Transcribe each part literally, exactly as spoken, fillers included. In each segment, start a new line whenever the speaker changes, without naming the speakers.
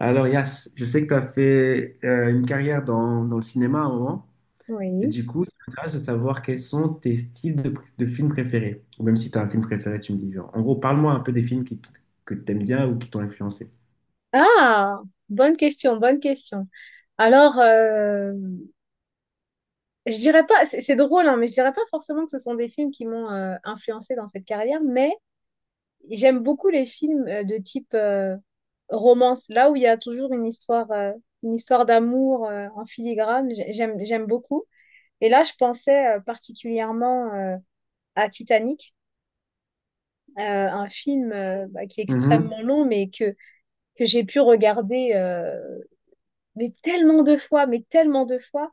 Alors, Yas, je sais que tu as fait euh, une carrière dans, dans le cinéma à un moment, et
Oui.
du coup, ça m'intéresse de savoir quels sont tes styles de, de films préférés. Ou même si tu as un film préféré, tu me dis. Genre. En gros, parle-moi un peu des films qui t- que tu aimes bien ou qui t'ont influencé.
Ah, bonne question, bonne question. Alors, euh, je dirais pas, c'est c'est drôle, hein, mais je dirais pas forcément que ce sont des films qui m'ont euh, influencé dans cette carrière, mais j'aime beaucoup les films euh, de type euh, romance, là où il y a toujours une histoire, euh, une histoire d'amour euh, en filigrane. J'ai- J'aime, j'aime beaucoup. Et là, je pensais euh, particulièrement euh, à Titanic, euh, un film euh, bah, qui est
Mhm,
extrêmement long, mais que que j'ai pu regarder. Euh, mais tellement de fois, mais tellement de fois.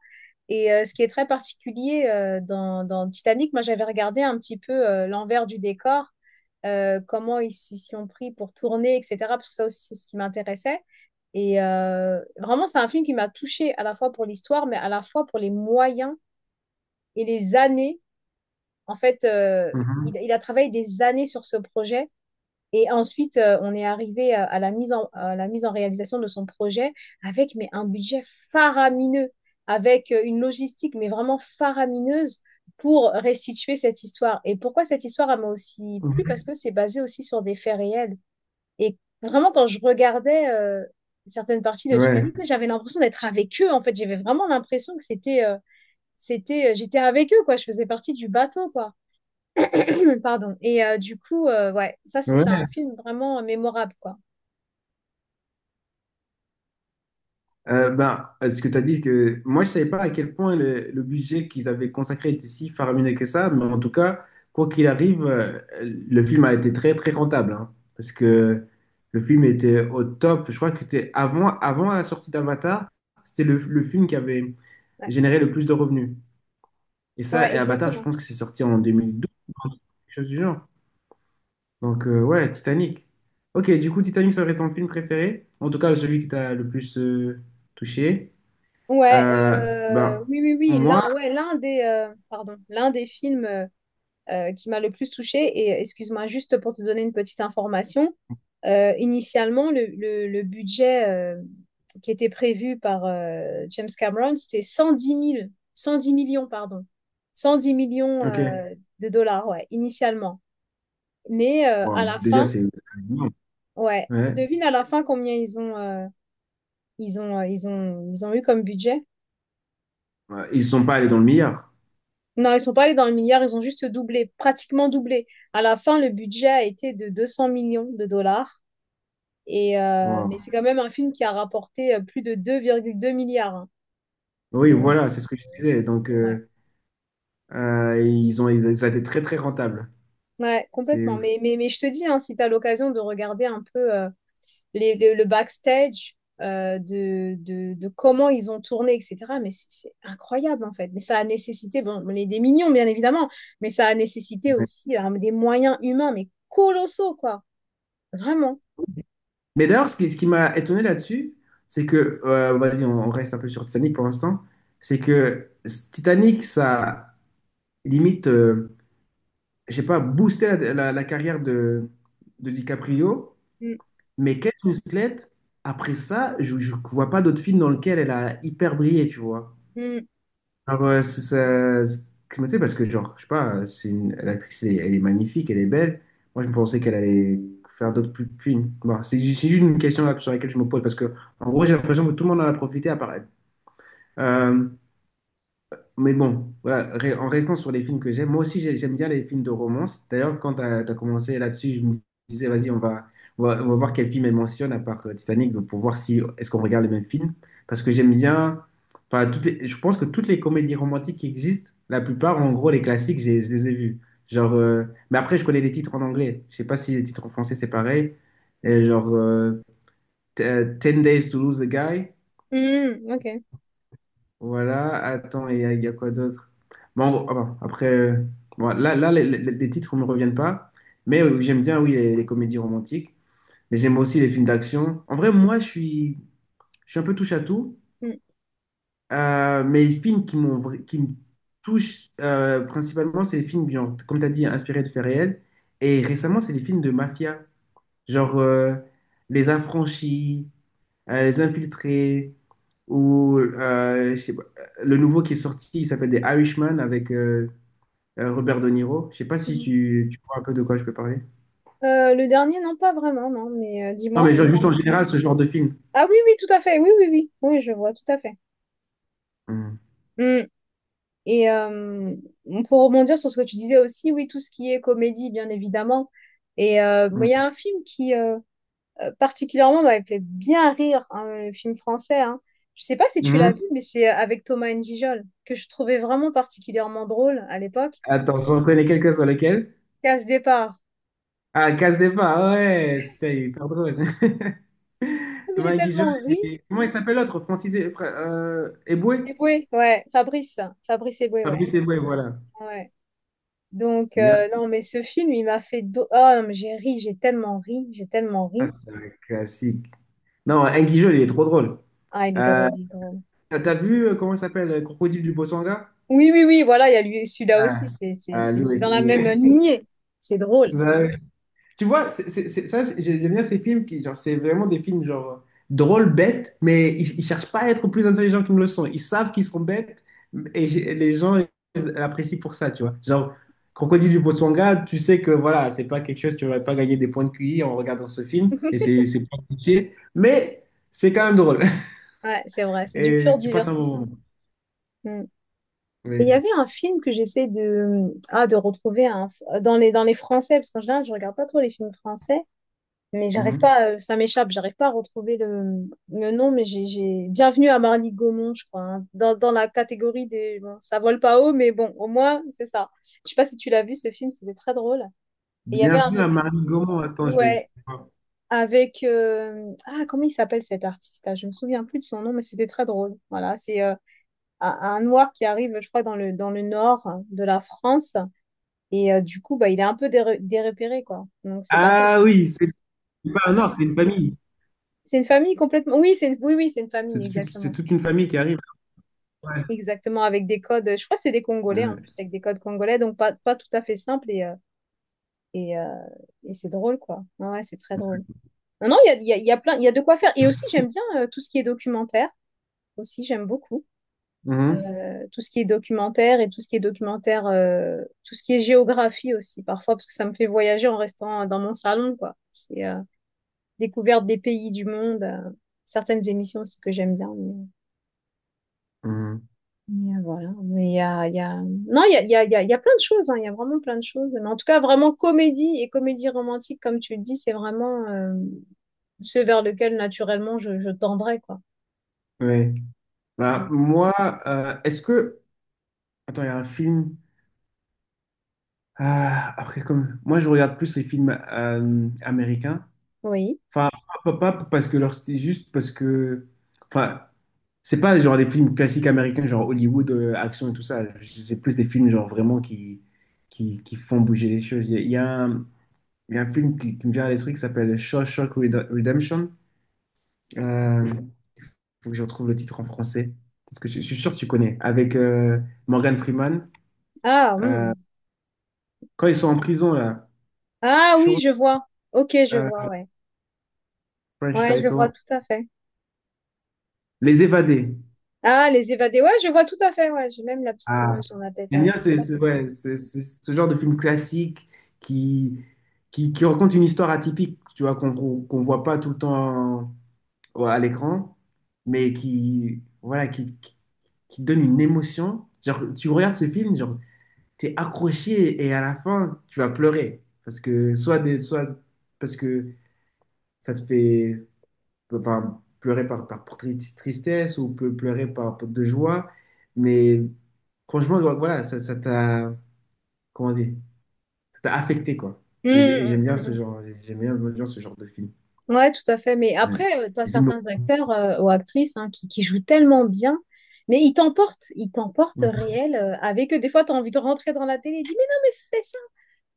Et euh, ce qui est très particulier euh, dans, dans Titanic, moi j'avais regardé un petit peu euh, l'envers du décor, euh, comment ils s'y sont pris pour tourner, et cetera. Parce que ça aussi c'est ce qui m'intéressait. Et euh, vraiment c'est un film qui m'a touchée à la fois pour l'histoire, mais à la fois pour les moyens et les années. En fait, euh,
mhm,
il, il a travaillé des années sur ce projet et ensuite, euh, on est arrivé à, à la mise en, à la mise en réalisation de son projet avec mais un budget faramineux, avec euh, une logistique mais vraiment faramineuse pour restituer cette histoire. Et pourquoi cette histoire elle m'a aussi plu?
mhm.
Parce que c'est basé aussi sur des faits réels. Et vraiment, quand je regardais euh, certaines parties de
Ouais,
Titanic, tu sais, j'avais l'impression d'être avec eux. En fait, j'avais vraiment l'impression que c'était euh, c'était euh, j'étais avec eux, quoi, je faisais partie du bateau, quoi, pardon. Et euh, du coup, euh, ouais, ça c'est c'est
ouais.
un film vraiment mémorable, quoi.
Euh, ben, euh, ce que tu as dit, c'est que moi, je savais pas à quel point le, le budget qu'ils avaient consacré était si faramineux que ça, mais en tout cas, quoi qu'il arrive, euh, le film a été très, très rentable, hein, parce que le film était au top. Je crois que c'était avant, avant la sortie d'Avatar, c'était le, le film qui avait
Ouais,
généré le plus de revenus. Et ça,
ouais,
et Avatar, je
exactement.
pense que c'est sorti en deux mille douze, quelque chose du genre. Donc, euh, ouais, Titanic. Ok, du coup, Titanic serait ton film préféré, en tout cas, celui qui t'a le plus euh, touché.
Ouais,
Euh,
euh,
ben,
oui, oui, oui.
moi,
L'un, ouais, l'un des, euh, pardon, l'un des films euh, euh, qui m'a le plus touchée. Et euh, excuse-moi, juste pour te donner une petite information, euh, initialement, le, le- le budget euh, qui était prévu par euh, James Cameron, c'était cent dix mille cent dix millions, pardon. Cent dix millions
ok.
euh, de dollars, ouais, initialement. Mais euh, à
Waouh,
la
déjà,
fin,
c'est. C'est énorme.
ouais,
Ouais.
devine à la fin combien ils ont, euh, ils ont, euh, ils ont, ils ont eu comme budget.
Ouais, ils ne sont pas allés dans le meilleur.
Non, ils sont pas allés dans le milliard, ils ont juste doublé, pratiquement doublé. À la fin, le budget a été de deux cent millions de dollars. Et, euh, mais c'est
Waouh.
quand même un film qui a rapporté euh, plus de deux virgule deux milliards, hein.
Oui,
Donc,
voilà, c'est ce que je
euh,
disais. Donc,
ouais.
euh, euh, ils ont, ils- ça a été très, très rentable.
Ouais,
C'est...
complètement. Mais, mais, mais je te dis, hein, si tu as l'occasion de regarder un peu euh, les- le, le backstage euh, de, de, de comment ils ont tourné, et cetera, mais c'est c'est incroyable en fait. Mais ça a nécessité, bon, les, des millions bien évidemment, mais ça a nécessité
ouais.
aussi euh, des moyens humains, mais colossaux, quoi. Vraiment.
Mais d'ailleurs, ce qui, ce qui m'a étonné là-dessus, c'est que, euh, vas-y, on, on reste un peu sur Titanic pour l'instant, c'est que Titanic, ça limite, euh, je sais pas, boosté la, la- la carrière de, de DiCaprio.
Mm,
Mais Kate Winslet, après ça, je ne vois pas d'autres films dans lesquels elle a hyper brillé, tu vois.
mm,
Alors, euh, c'est- ça- c'est- tu sais, parce que, genre, je sais pas, euh, c'est une, l'actrice, elle, est elle est magnifique, elle est belle. Moi, je pensais qu'elle allait faire d'autres plus- films. Bon, c'est ju- c'est juste une question là, sur laquelle je me pose, parce que, en gros, j'ai l'impression que tout le monde en a profité à part elle. Euh, mais bon, voilà, re- en restant sur les films que j'aime, moi aussi j'ai- j'aime bien les films de romance. D'ailleurs, quand tu as commencé là-dessus, je me disais, vas-y, on va, on va, on va voir quel film elle mentionne à part euh, Titanic donc, pour voir si est-ce qu'on regarde les mêmes films. Parce que j'aime bien, enfin, toutes les- je pense que toutes les comédies romantiques qui existent, la plupart, en gros, les classiques, j'ai- je les ai vus. Genre, euh, mais après, je connais les titres en anglais. Je sais pas si les titres en français c'est pareil. Et genre, euh, T- euh, Ten Days to Lose a Guy.
mm, ok.
Voilà, attends, et il y, a il y a quoi d'autre? Bon, bon, ah bon, après, euh, bon, là, là les, les- les titres ne me reviennent pas, mais euh, j'aime bien, oui, les, les comédies romantiques, mais j'aime aussi les films d'action. En vrai, moi, je suis, je suis un peu touche à tout,
Mm,
euh, mais les films qui m'ont, vra- qui me touchent euh, principalement, c'est les films, genre, comme tu as dit, inspirés de faits réels, et récemment, c'est les films de mafia, genre euh, Les Affranchis, euh, Les Infiltrés, ou euh, je sais pas, euh, le nouveau qui est sorti, il s'appelle des Irishman avec euh, euh, Robert De Niro. Je sais pas si
mm.
tu, tu vois un peu de quoi je peux parler.
Euh, le dernier, non, pas vraiment, non, mais euh,
Non,
dis-moi,
mais genre,
dis-moi
juste
en
en
plus.
général, ce genre de film.
Ah oui, oui, tout à fait, oui, oui, oui, oui, je vois, tout à fait.
Mhm.
Mm. Et euh, pour rebondir sur ce que tu disais aussi, oui, tout ce qui est comédie, bien évidemment. Et euh, moi, il y
Mhm.
a un film qui, euh, euh, particulièrement, m'avait fait bien rire, hein, le film français, hein. Je sais pas si tu l'as vu,
Mhm.
mais c'est euh, avec Thomas N'Gijol, que je trouvais vraiment particulièrement drôle à l'époque.
Attends, j'en connais quelques sur lesquels.
Et à ce départ,
Ah, Casse des pas, ouais, c'était hyper drôle.
mais j'ai
Thomas Guigeol
tellement ri.
et... comment il s'appelle l'autre? Francis et... Fra- euh, Eboué?
Eboué, ouais, Fabrice, Fabrice Eboué, ouais.
Fabrice Eboué, voilà.
Ouais. Donc,
Bien
euh,
sûr,
non, mais ce film, il m'a fait. do- Oh, non, mais j'ai ri, j'ai tellement ri, j'ai tellement
ça,
ri.
c'est un classique. Non, Guigeol, il est trop drôle.
Ah, il est
Euh,
drôle, il est drôle.
T'as t'as vu, euh, comment il s'appelle, euh, Crocodile du Botswana?
Oui, oui, oui, voilà, il y a lui, celui-là aussi,
Ah,
c'est c'est-
ah,
c'est-
lui
c'est dans la
aussi.
même
Euh.
lignée. C'est drôle.
C'est vrai. Tu vois, c'est, c'est- c'est- ça, j'ai- j'aime bien ces films qui, genre, c'est vraiment des films, genre, euh, drôles, bêtes, mais ils, ils cherchent pas à être plus intelligents qu'ils ne le sont. Ils savent qu'ils sont bêtes, et j'ai- les gens ils apprécient pour ça, tu vois. Genre, Crocodile du Botswana, tu sais que, voilà, c'est pas quelque chose, tu vas pas gagner des points de Q I en regardant ce film, et c'est c'est pas cliché, mais c'est quand même drôle.
Ouais, c'est vrai, c'est du pur
Et tu passes un bon
divertissement.
moment.
Mm. Et il y
Oui.
avait un film que j'essaie de, ah, de retrouver, hein, dans les, dans les français, parce qu'en général, je regarde pas trop les films français. Mais j'arrive
Mm-hmm.
pas, euh, ça m'échappe, j'arrive pas à retrouver le, le nom, mais j'ai, j'ai... Bienvenue à Marly Gaumont, je crois, hein, dans, dans la catégorie des. Bon, ça vole pas haut, mais bon, au moins, c'est ça. Je sais pas si tu l'as vu, ce film, c'était très drôle. Et il y avait un
Bienvenue à
autre.
Marie Gaumont. Attends, je vais essayer
Ouais,
de voir.
avec, euh, ah, comment il s'appelle cet artiste-là? Je me souviens plus de son nom, mais c'était très drôle. Voilà, c'est euh, un, un noir qui arrive, je crois, dans le, dans le nord de la France. Et euh, du coup, bah, il est un peu déré- dérépéré, quoi. Donc, c'est pas top.
Ah oui, c'est c'est pas un ordre, c'est une famille.
C'est une famille complètement. Oui, c'est une. Oui, oui, c'est une
C'est
famille,
tout- c'est
exactement.
toute une famille qui arrive. Ouais.
Exactement, avec des codes, je crois que c'est des Congolais en
Ouais.
plus, avec des codes congolais, donc pas, pas tout à fait simple, et, euh, et, euh, et c'est drôle, quoi. Ouais, ouais, c'est très drôle. Non, non, il y a, il y a, il y a plein, il y a de quoi faire. Et aussi, j'aime bien euh, tout ce qui est documentaire, aussi, j'aime beaucoup.
Mhm.
Euh, tout ce qui est documentaire et tout ce qui est documentaire, euh, tout ce qui est géographie aussi, parfois, parce que ça me fait voyager en restant dans mon salon, quoi. C'est euh, découverte des pays du monde, euh, certaines émissions aussi que j'aime bien. mais- euh,
Mhm.
Mais, euh, voilà. Mais il y a, il y a... Non, il y a, il y a, il y a il y a plein de choses, hein. Il y a vraiment plein de choses. Mais en tout cas, vraiment comédie et comédie romantique, comme tu le dis, c'est vraiment euh, ce vers lequel naturellement je, je tendrais, quoi.
Ouais. Bah,
Mm.
moi, euh, est-ce que. Attends, il y a un film. Ah, après, comme. Moi, je regarde plus les films euh, américains.
Oui.
Enfin, pas, pas- pas parce que leur style, juste parce que. Enfin, c'est pas genre les films classiques américains, genre Hollywood, euh, action et tout ça. C'est plus des films, genre vraiment qui, qui, qui font bouger les choses. Il y a, il y a un- Il y a un film qui, qui me vient à l'esprit qui s'appelle Shawshank Red- Redemption. Euh, Mhm. Faut que je retrouve le titre en français. Parce que je, je suis sûr que tu connais. Avec euh, Morgan Freeman.
Ah,
Euh,
hmm.
quand ils sont en prison, là.
Ah oui,
Show-
je vois. Ok, je
euh,
vois, ouais.
French
Ouais, je vois
title.
tout à fait.
Les évadés.
Ah, les évadés. Ouais, je vois tout à fait, ouais. J'ai même la petite
Ah.
image dans la tête,
J'aime
ouais.
bien ce,
Tout à
ce-
fait.
ouais, ce, ce- ce genre de film classique qui, qui, qui raconte une histoire atypique, tu vois, qu'on qu'on voit pas tout le temps ouais, à l'écran, mais qui, voilà, qui, qui, qui donne une émotion. Genre, tu regardes ce film, genre, t'es accroché et à la fin, tu vas pleurer. Parce que, soit, des, soit parce que ça te fait enfin, pleurer par, par, par tri- tristesse ou peut pleurer par, par de joie. Mais franchement, ouais, voilà, ça, ça t'a, comment dire, ça t'a affecté, quoi.
Mm,
J'ai- Et j'aime
mm,
bien
mm,
ce
mm.
genre, j'aime bien, j'aime bien ce genre de film.
Ouais, tout à fait. Mais
Ouais.
après, tu as
Des films-
certains acteurs euh, ou actrices, hein, qui, qui jouent tellement bien, mais ils t'emportent, ils t'emportent
ouais.
réel, euh, avec eux. Des fois, tu as envie de rentrer dans la télé et dis, mais non, mais fais ça,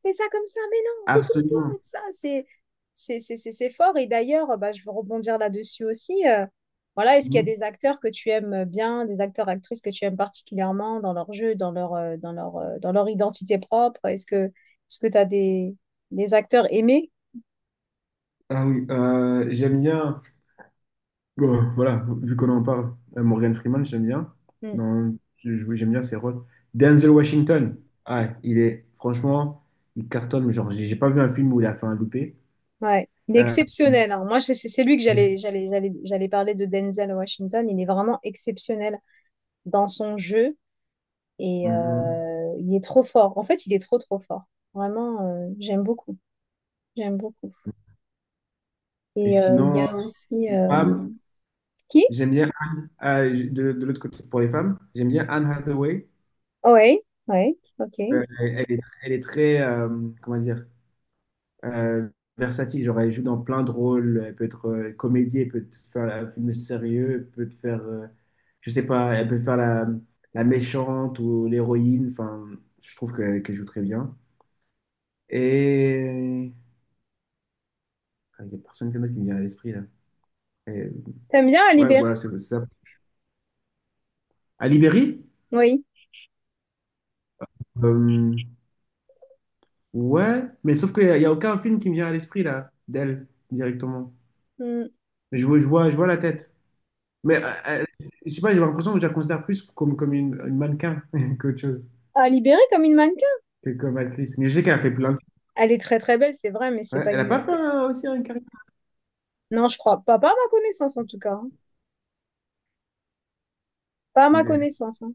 fais ça comme ça, mais non, retourne-toi,
Absolument.
ça, c'est, c'est, c'est, c'est c'est fort. Et d'ailleurs, euh, bah, je veux rebondir là-dessus aussi. Euh, voilà, est-ce qu'il y a
Mmh.
des acteurs que tu aimes bien, des acteurs, actrices que tu aimes particulièrement dans leur jeu, dans leur, euh, dans leur, euh, dans leur identité propre? Est-ce que, est-ce que tu as des, des acteurs aimés?
Ah oui, euh, j'aime bien, bon, voilà, vu qu'on en parle, euh, Morgan Freeman, j'aime bien.
Hmm.
Non, je- oui, j'aime bien ses rôles. Denzel Washington, ah, il est, franchement, il cartonne, mais genre, j'ai j'ai pas vu un film où il a fait un loupé.
Ouais, il est
Euh,
exceptionnel, hein. Moi, c'est c'est- c'est lui que
ouais.
j'allais j'allais j'allais j'allais parler de Denzel Washington. Il est vraiment exceptionnel dans son jeu et
Mhm.
euh, il est trop fort. En fait, il est trop trop fort. Vraiment, euh, j'aime beaucoup. J'aime beaucoup.
Et
Et euh, il y
sinon,
a aussi
les
euh,
femmes,
qui?
j'aime bien Anne, euh, je- de, de l'autre côté, pour les femmes, j'aime bien Anne Hathaway.
Oui, oui, ok.
Euh, elle est, elle est très, euh, comment dire, euh, versatile. Genre, elle joue dans plein de rôles. Elle peut être euh, comédie, elle peut te faire un film sérieux, elle peut te faire, euh, je sais pas, elle peut faire la, la méchante ou l'héroïne. Enfin, je trouve que- qu'elle joue très bien. Et ah, il n'y a personne qui me qui me vient à l'esprit là. Et,
T'aimes bien Ali
ouais,
Berry?
voilà, c'est c'est ça. À Libéry?
Oui.
Euh, ouais, mais sauf qu'il n'y a, il y a aucun film qui me vient à l'esprit là, d'elle directement.
Hmm.
Je vois, je vois, je vois la tête. Mais euh, euh, je sais pas, j'ai l'impression que je la considère plus comme, comme une, une mannequin qu'autre chose,
Ali Berry comme une mannequin.
que comme actrice. Mais je sais qu'elle a fait plein de trucs.
Elle est très très belle, c'est vrai, mais c'est
Ouais,
pas
elle a
une.
pas fait
c'est-
euh, aussi une carrière.
Non, je crois pas, pas à ma connaissance en tout cas, hein. Pas à ma
Ok,
connaissance, hein.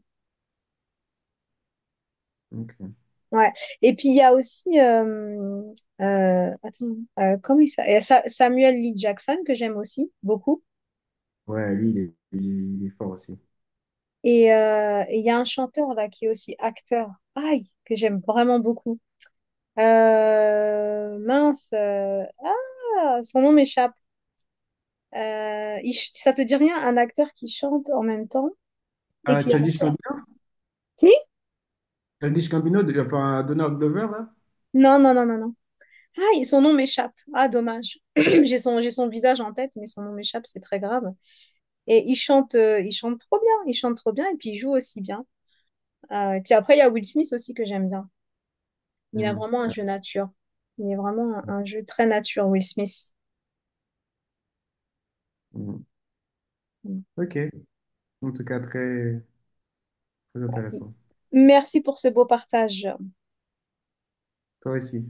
ok.
Ouais. Et puis il y a aussi euh, euh, attends, euh, comment il s'appelle? Sa- Samuel Lee Jackson, que j'aime aussi beaucoup.
Ouais, lui, il est, il est- il est fort aussi.
Et euh, et il y a un chanteur là qui est aussi acteur. Aïe, que j'aime vraiment beaucoup. Euh, mince. Euh, ah, son nom m'échappe. Euh, il ch- ça te dit rien, un acteur qui chante en même temps et
Ah,
qui est
Childish
acteur.
Gambino,
Qui?
Childish Gambino, de... enfin Donald Glover, là.
Non, non, non, non, non. Ah, son nom m'échappe. Ah, dommage. J'ai son, j'ai son visage en tête, mais son nom m'échappe, c'est très grave. Et il chante, euh, il chante trop bien, il chante trop bien et puis il joue aussi bien. Euh, et puis après, il y a Will Smith aussi que j'aime bien. Il a
Hmm.
vraiment un
Ah,
jeu nature. Il est vraiment un,
ouais.
un jeu très nature, Will Smith.
Hmm.
Mm.
Ok. En tout cas, très, très intéressant.
Merci pour ce beau partage.
Toi aussi.